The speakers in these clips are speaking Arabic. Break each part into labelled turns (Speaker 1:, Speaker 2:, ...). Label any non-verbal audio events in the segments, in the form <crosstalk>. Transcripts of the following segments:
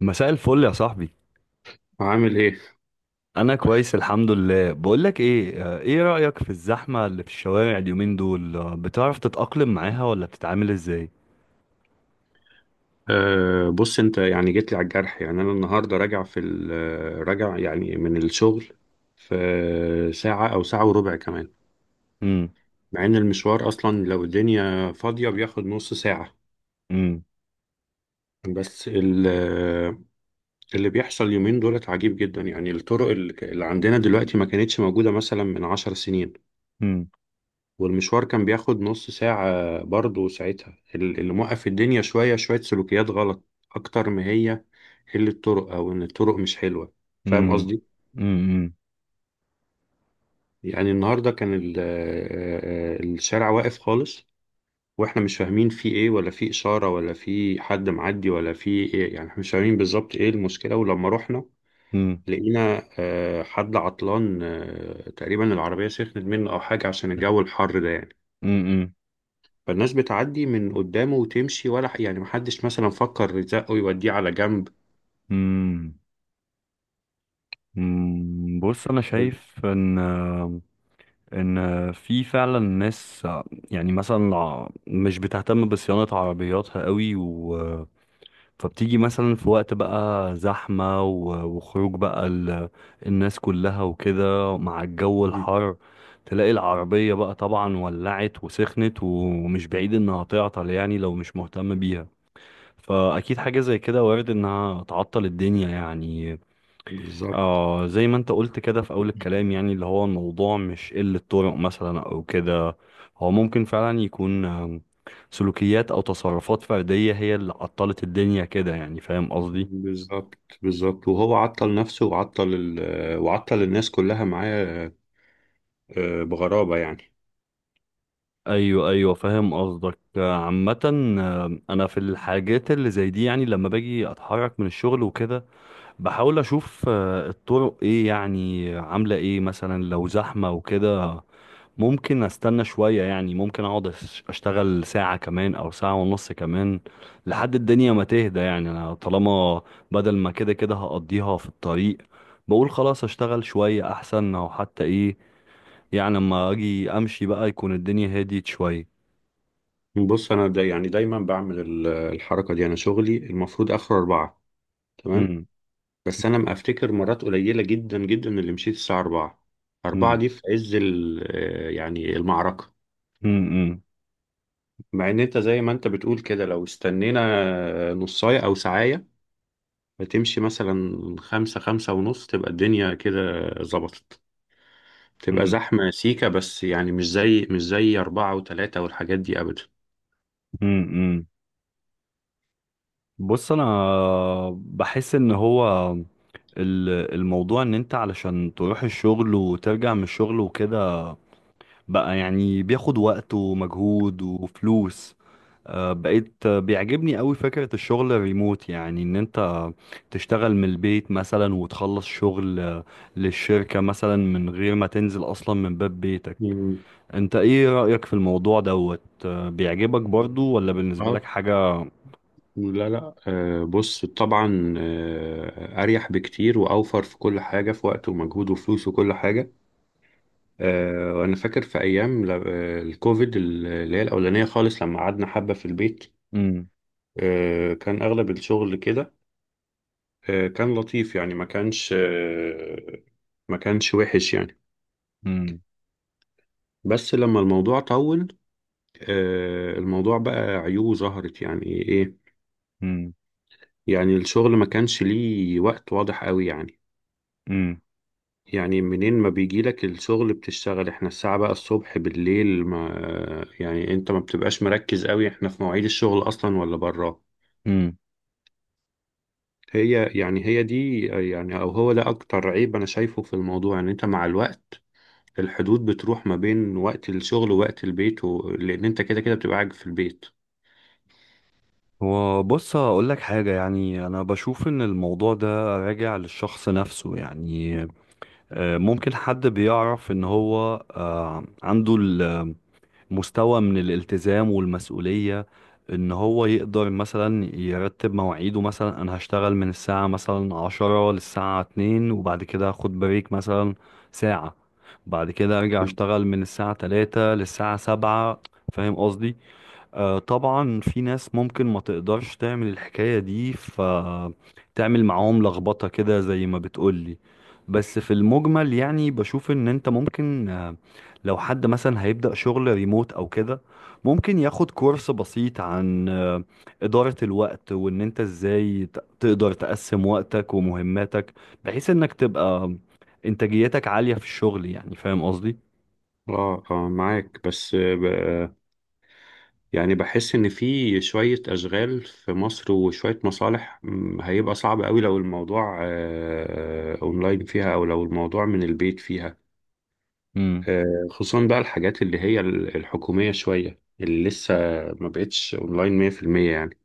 Speaker 1: مساء الفل يا صاحبي.
Speaker 2: عامل ايه؟
Speaker 1: انا كويس الحمد لله. بقولك ايه، ايه رأيك في الزحمة اللي في الشوارع اليومين دول، بتعرف تتأقلم معاها ولا بتتعامل ازاي؟
Speaker 2: بص انت يعني جيت لي على الجرح، يعني انا النهارده راجع راجع يعني من الشغل في ساعة او ساعة وربع كمان،
Speaker 1: امم.
Speaker 2: مع ان المشوار اصلا لو الدنيا فاضية بياخد نص ساعة.
Speaker 1: امم.
Speaker 2: بس اللي بيحصل اليومين دولت عجيب جدا، يعني الطرق اللي عندنا دلوقتي ما كانتش موجودة مثلا من 10 سنين،
Speaker 1: امم.
Speaker 2: والمشوار كان بياخد نص ساعة برضه ساعتها. اللي موقف الدنيا شوية شوية سلوكيات غلط أكتر ما هي قلة الطرق أو إن الطرق مش حلوة. فاهم
Speaker 1: امم.
Speaker 2: قصدي؟
Speaker 1: امم.
Speaker 2: يعني النهاردة كان الشارع واقف خالص وإحنا مش فاهمين فيه إيه، ولا فيه إشارة، ولا فيه حد معدي، ولا فيه إيه، يعني إحنا مش فاهمين بالظبط إيه المشكلة. ولما رحنا
Speaker 1: امم.
Speaker 2: لقينا حد عطلان، تقريبا العربية سخنت منه أو حاجة عشان الجو الحر ده يعني.
Speaker 1: امم.
Speaker 2: فالناس بتعدي من قدامه وتمشي، يعني محدش مثلا فكر يزقه يوديه على جنب.
Speaker 1: امم. أمم. بص انا شايف ان في فعلا ناس يعني مثلا مش بتهتم بصيانة عربياتها قوي. فبتيجي مثلا في وقت بقى زحمة وخروج بقى الناس كلها وكده مع الجو
Speaker 2: مم.
Speaker 1: الحر. تلاقي العربية بقى طبعا ولعت وسخنت ومش بعيد انها تعطل، يعني لو مش مهتم بيها. فأكيد حاجة زي كده وارد انها تعطل الدنيا يعني.
Speaker 2: بالظبط
Speaker 1: اه، زي ما انت قلت كده في اول الكلام، يعني اللي هو الموضوع مش قلة طرق مثلا او كده. هو ممكن فعلا يكون سلوكيات او تصرفات فردية هي اللي عطلت الدنيا كده، يعني فاهم قصدي؟
Speaker 2: بالظبط بالظبط، وهو عطل نفسه وعطل الناس كلها معاه، بغرابة يعني.
Speaker 1: ايوه، ايوه، فاهم قصدك. عامة، انا في الحاجات اللي زي دي، يعني لما باجي اتحرك من الشغل وكده بحاول اشوف الطرق ايه يعني عاملة ايه مثلا، لو زحمة وكده ممكن استنى شوية. يعني ممكن اقعد اشتغل ساعة كمان او ساعة ونص كمان لحد الدنيا ما تهدى. يعني انا طالما بدل ما كده كده هقضيها في الطريق، بقول خلاص اشتغل شوية احسن، او حتى ايه، يعني لما اجي امشي بقى يكون الدنيا هديت شوية.
Speaker 2: بص أنا دا يعني دايما بعمل الحركة دي. أنا شغلي المفروض آخر أربعة، تمام،
Speaker 1: مم.
Speaker 2: بس أنا ما أفتكر مرات قليلة جدا جدا اللي مشيت الساعة أربعة. أربعة
Speaker 1: مم.
Speaker 2: دي في عز يعني المعركة.
Speaker 1: مم. مم.
Speaker 2: مع ان انت زي ما انت بتقول كده، لو استنينا نصاية او ساعية هتمشي مثلا خمسة خمسة ونص تبقى الدنيا كده ظبطت، تبقى
Speaker 1: مم.
Speaker 2: زحمة سيكة بس، يعني مش زي أربعة وتلاتة والحاجات دي أبدا.
Speaker 1: مم. مم. بص انا بحس ان هو الموضوع ان انت علشان تروح الشغل وترجع من الشغل وكده بقى يعني بياخد وقت ومجهود وفلوس. بقيت بيعجبني قوي فكرة الشغل الريموت، يعني ان انت تشتغل من البيت مثلا وتخلص شغل للشركة مثلا من غير ما تنزل اصلا من باب بيتك.
Speaker 2: مم.
Speaker 1: انت ايه رأيك في الموضوع دوت، بيعجبك برضو ولا بالنسبة
Speaker 2: آه،
Speaker 1: لك حاجة؟
Speaker 2: لا لا، بص طبعا، أريح بكتير وأوفر في كل حاجة، في وقت ومجهود وفلوس وكل حاجة. وأنا فاكر في أيام الكوفيد اللي هي الأولانية خالص لما قعدنا حبة في البيت.
Speaker 1: مم.
Speaker 2: كان أغلب الشغل كده، كان لطيف يعني، ما كانش وحش يعني.
Speaker 1: مم.
Speaker 2: بس لما الموضوع طول، الموضوع بقى عيوبه ظهرت يعني إيه.
Speaker 1: مم.
Speaker 2: يعني الشغل ما كانش ليه وقت واضح قوي يعني،
Speaker 1: مم.
Speaker 2: يعني منين ما بيجي لك الشغل بتشتغل، احنا الساعة بقى الصبح بالليل ما يعني، انت ما بتبقاش مركز قوي احنا في مواعيد الشغل اصلا ولا براه.
Speaker 1: مم.
Speaker 2: هي يعني هي دي يعني، او هو ده اكتر عيب انا شايفه في الموضوع، ان انت مع الوقت الحدود بتروح ما بين وقت الشغل ووقت البيت، لان انت كده كده بتبقى قاعد في البيت.
Speaker 1: وبص هقول لك حاجة، يعني أنا بشوف إن الموضوع ده راجع للشخص نفسه. يعني ممكن حد بيعرف ان هو عنده المستوى من الالتزام والمسؤولية ان هو يقدر مثلا يرتب مواعيده. مثلا انا هشتغل من الساعة مثلا 10 للساعة 2، وبعد كده هاخد بريك مثلا ساعة، بعد كده ارجع اشتغل من الساعة 3 للساعة 7، فاهم قصدي؟ طبعا في ناس ممكن ما تقدرش تعمل الحكاية دي فتعمل معاهم لخبطة كده زي ما بتقولي. بس في المجمل يعني بشوف ان انت ممكن، لو حد مثلا هيبدأ شغل ريموت او كده ممكن ياخد كورس بسيط عن إدارة الوقت وان انت ازاي تقدر تقسم وقتك ومهماتك بحيث انك تبقى انتاجيتك عالية في الشغل، يعني فاهم قصدي؟
Speaker 2: اه اه معاك، بس يعني بحس ان في شوية اشغال في مصر وشوية مصالح، هيبقى صعب قوي لو الموضوع اونلاين فيها، او لو الموضوع من البيت فيها.
Speaker 1: امم.
Speaker 2: خصوصا بقى الحاجات اللي هي الحكومية شوية اللي لسه ما بقتش اونلاين 100% يعني.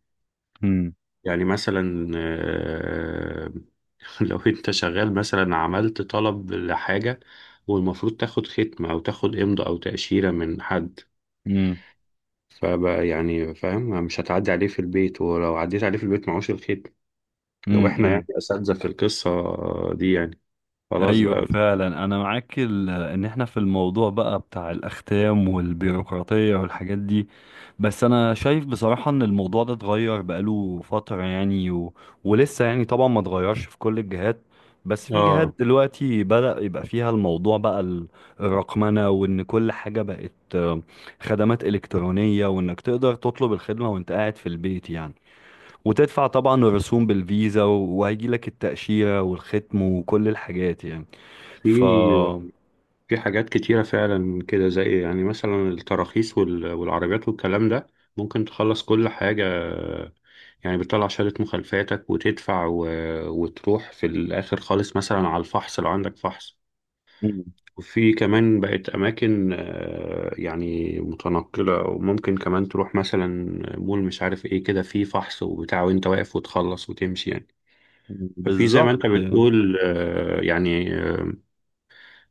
Speaker 1: امم.
Speaker 2: يعني مثلا <laughs> لو انت شغال مثلا عملت طلب لحاجة، والمفروض تاخد ختمة او تاخد امضاء او تأشيرة من حد، فبقى يعني فاهم مش هتعدي عليه في البيت، ولو عديت عليه في البيت معهوش الختم، لو احنا يعني
Speaker 1: امم.
Speaker 2: اساتذة في القصة دي يعني، خلاص
Speaker 1: ايوه
Speaker 2: بقى.
Speaker 1: فعلا انا معاك، ان احنا في الموضوع بقى بتاع الاختام والبيروقراطيه والحاجات دي. بس انا شايف بصراحه ان الموضوع ده اتغير بقاله فتره يعني، ولسه يعني طبعا ما اتغيرش في كل الجهات. بس في جهات
Speaker 2: اه،
Speaker 1: دلوقتي بدأ يبقى فيها الموضوع بقى الرقمنه، وان كل حاجه بقت خدمات الكترونيه، وانك تقدر تطلب الخدمه وانت قاعد في البيت يعني، وتدفع طبعا الرسوم بالفيزا وهيجي لك التأشيرة والختم وكل الحاجات يعني. ف
Speaker 2: في في حاجات كتيرة فعلا كده، زي يعني مثلا التراخيص والعربيات والكلام ده، ممكن تخلص كل حاجة. يعني بتطلع شهادة مخالفاتك وتدفع، وتروح في الآخر خالص مثلا على الفحص لو عندك فحص.
Speaker 1: مم.
Speaker 2: وفي كمان بقت أماكن يعني متنقلة، وممكن كمان تروح مثلا مول مش عارف إيه كده، فيه فحص وبتاع وأنت واقف وتخلص وتمشي يعني. ففي زي ما أنت
Speaker 1: بالظبط.
Speaker 2: بتقول يعني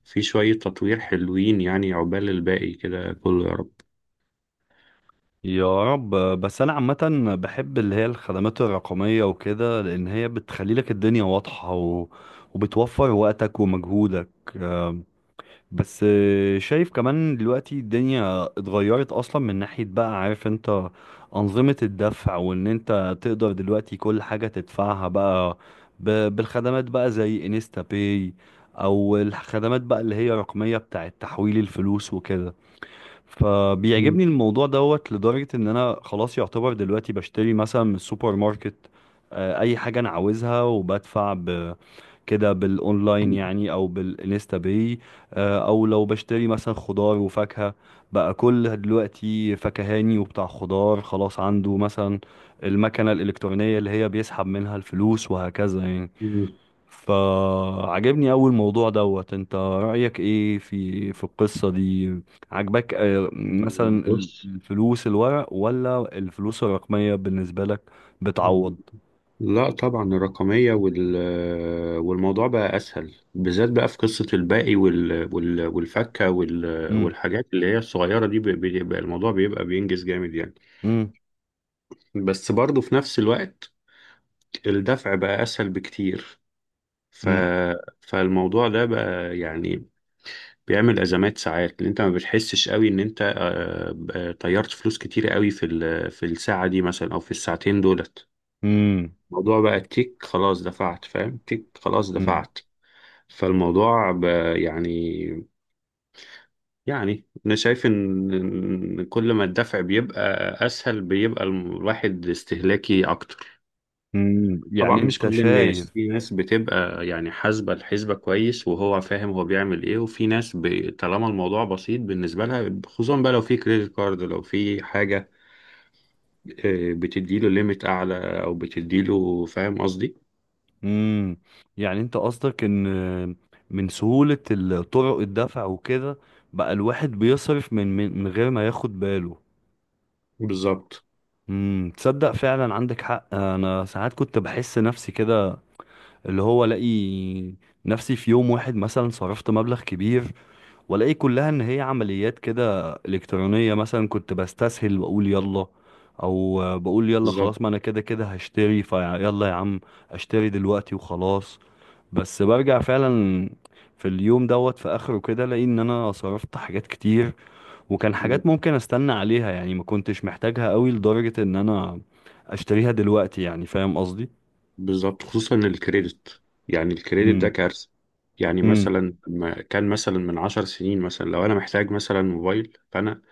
Speaker 2: في شوية تطوير حلوين يعني، عقبال الباقي كده كله يا رب.
Speaker 1: يا رب. بس انا عامة بحب اللي هي الخدمات الرقمية وكده، لان هي بتخلي لك الدنيا واضحة وبتوفر وقتك ومجهودك. بس شايف كمان دلوقتي الدنيا اتغيرت اصلا من ناحية بقى، عارف انت انظمة الدفع، وان انت تقدر دلوقتي كل حاجة تدفعها بقى بالخدمات بقى زي انستا باي، او الخدمات بقى اللي هي رقمية بتاعة تحويل الفلوس وكده. فبيعجبني الموضوع دوت لدرجة ان انا خلاص يعتبر دلوقتي بشتري مثلا من السوبر ماركت اي حاجة انا عاوزها، وبدفع كده بالاونلاين يعني او بالانستا باي. او لو بشتري مثلا خضار وفاكهة، بقى كل دلوقتي فكهاني وبتاع خضار خلاص عنده مثلا المكنة الإلكترونية اللي هي بيسحب منها الفلوس، وهكذا يعني. فعجبني أوي الموضوع دوت، انت رأيك ايه في القصة دي؟ عجبك مثلا
Speaker 2: بص،
Speaker 1: الفلوس الورق ولا الفلوس الرقمية بالنسبة لك بتعوض؟
Speaker 2: لا طبعا الرقمية، والموضوع بقى أسهل، بالذات بقى في قصة الباقي والفكة
Speaker 1: امم.
Speaker 2: والحاجات اللي هي الصغيرة دي، بيبقى الموضوع بيبقى بينجز جامد يعني. بس برضه في نفس الوقت الدفع بقى أسهل بكتير. ف
Speaker 1: امم.
Speaker 2: فالموضوع ده بقى يعني بيعمل أزمات ساعات، اللي أنت ما بتحسش قوي إن أنت طيرت فلوس كتير قوي في في الساعة دي مثلا، أو في الساعتين دولت.
Speaker 1: امم.
Speaker 2: الموضوع بقى تيك خلاص دفعت، فاهم، تيك خلاص دفعت. فالموضوع يعني انا شايف إن كل ما الدفع بيبقى اسهل بيبقى الواحد استهلاكي اكتر.
Speaker 1: مم.
Speaker 2: طبعا
Speaker 1: يعني
Speaker 2: مش
Speaker 1: انت
Speaker 2: كل
Speaker 1: شايف.
Speaker 2: الناس، في ناس بتبقى يعني حاسبة الحسبة كويس وهو فاهم هو بيعمل ايه، وفي ناس طالما الموضوع بسيط بالنسبة لها، خصوصا بقى لو في كريدت كارد، لو في حاجة بتديله ليميت اعلى او بتديله، فاهم قصدي.
Speaker 1: مم. يعني انت قصدك ان من سهولة طرق الدفع وكده بقى الواحد بيصرف من غير ما ياخد باله.
Speaker 2: بالظبط
Speaker 1: مم. تصدق فعلا عندك حق. انا ساعات كنت بحس نفسي كده، اللي هو الاقي نفسي في يوم واحد مثلا صرفت مبلغ كبير، والاقي كلها ان هي عمليات كده الكترونيه. مثلا كنت بستسهل واقول يلا، او بقول يلا
Speaker 2: بالظبط
Speaker 1: خلاص ما انا كده كده هشتري فيلا يا عم، اشتري دلوقتي وخلاص. بس برجع فعلا في اليوم دوت في اخره كده الاقي ان انا صرفت حاجات كتير، وكان حاجات ممكن استنى عليها، يعني ما كنتش محتاجها قوي لدرجه ان انا اشتريها دلوقتي، يعني فاهم قصدي؟
Speaker 2: بالظبط، خصوصا الكريدت. يعني الكريدت ده
Speaker 1: امم.
Speaker 2: كارثة، يعني
Speaker 1: امم.
Speaker 2: مثلا ما كان مثلا من 10 سنين، مثلا لو انا محتاج مثلا موبايل، فانا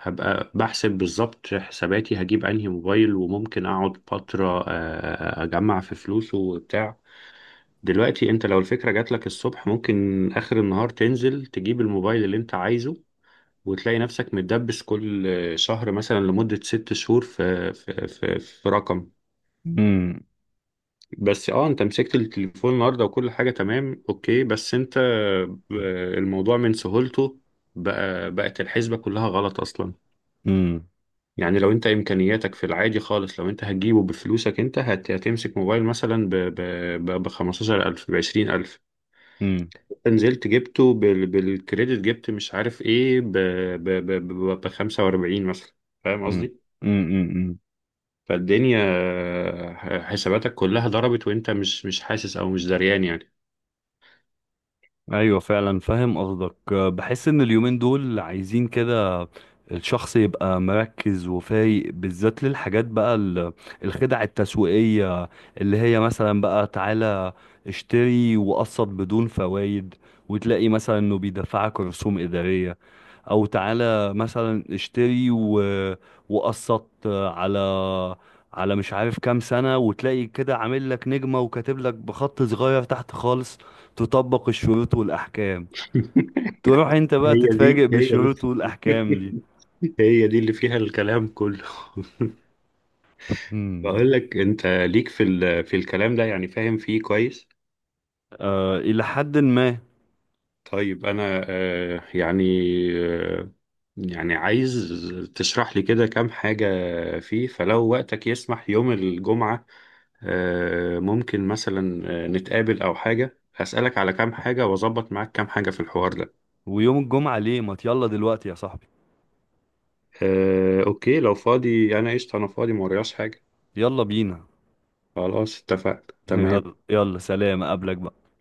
Speaker 2: هبقى بحسب بالظبط حساباتي هجيب انهي موبايل، وممكن اقعد فترة اجمع في فلوسه وبتاع. دلوقتي انت لو الفكرة جاتلك الصبح ممكن اخر النهار تنزل تجيب الموبايل اللي انت عايزه، وتلاقي نفسك متدبس كل شهر مثلا لمدة 6 شهور في رقم.
Speaker 1: امم.
Speaker 2: بس اه انت مسكت التليفون النهارده وكل حاجه تمام اوكي، بس انت الموضوع من سهولته بقى، بقت الحسبه كلها غلط اصلا.
Speaker 1: امم.
Speaker 2: يعني لو انت امكانياتك في العادي خالص، لو انت هتجيبه بفلوسك انت هتمسك موبايل مثلا ب 15000، ب 20000،
Speaker 1: امم.
Speaker 2: نزلت جبته بالكريدت جبت مش عارف ايه، ب ب ب 45 مثلا، فاهم قصدي.
Speaker 1: امم.
Speaker 2: فالدنيا حساباتك كلها ضربت، وانت مش حاسس او مش دريان يعني.
Speaker 1: ايوه فعلا فاهم قصدك. بحس ان اليومين دول عايزين كده الشخص يبقى مركز وفايق، بالذات للحاجات بقى الخدع التسويقية، اللي هي مثلا بقى تعالى اشتري وقسط بدون فوائد، وتلاقي مثلا انه بيدفعك رسوم إدارية، او تعالى مثلا اشتري وقسط على مش عارف كام سنة، وتلاقي كده عامل لك نجمة وكاتب لك بخط صغير تحت خالص تطبق الشروط والأحكام.
Speaker 2: <laughs>
Speaker 1: تروح أنت بقى
Speaker 2: هي دي
Speaker 1: تتفاجئ
Speaker 2: هي دي،
Speaker 1: بالشروط والأحكام دي.
Speaker 2: <laughs> هي دي اللي فيها الكلام كله. <laughs>
Speaker 1: امم.
Speaker 2: بقول لك انت ليك في في الكلام ده، يعني فاهم فيه كويس.
Speaker 1: آه، إلى حد ما.
Speaker 2: طيب انا آه، يعني عايز تشرح لي كده كام حاجة فيه، فلو وقتك يسمح يوم الجمعة ممكن مثلا نتقابل او حاجة، هسألك على كام حاجة واظبط معاك كام حاجة في الحوار ده.
Speaker 1: ويوم الجمعة ليه؟ ما يلا دلوقتي يا صاحبي.
Speaker 2: اوكي لو فاضي انا قشطة، انا فاضي ما ورياش حاجة.
Speaker 1: يلا بينا.
Speaker 2: خلاص اتفقنا
Speaker 1: <laughs>
Speaker 2: تمام.
Speaker 1: يلا يلا سلام أقابلك بقى.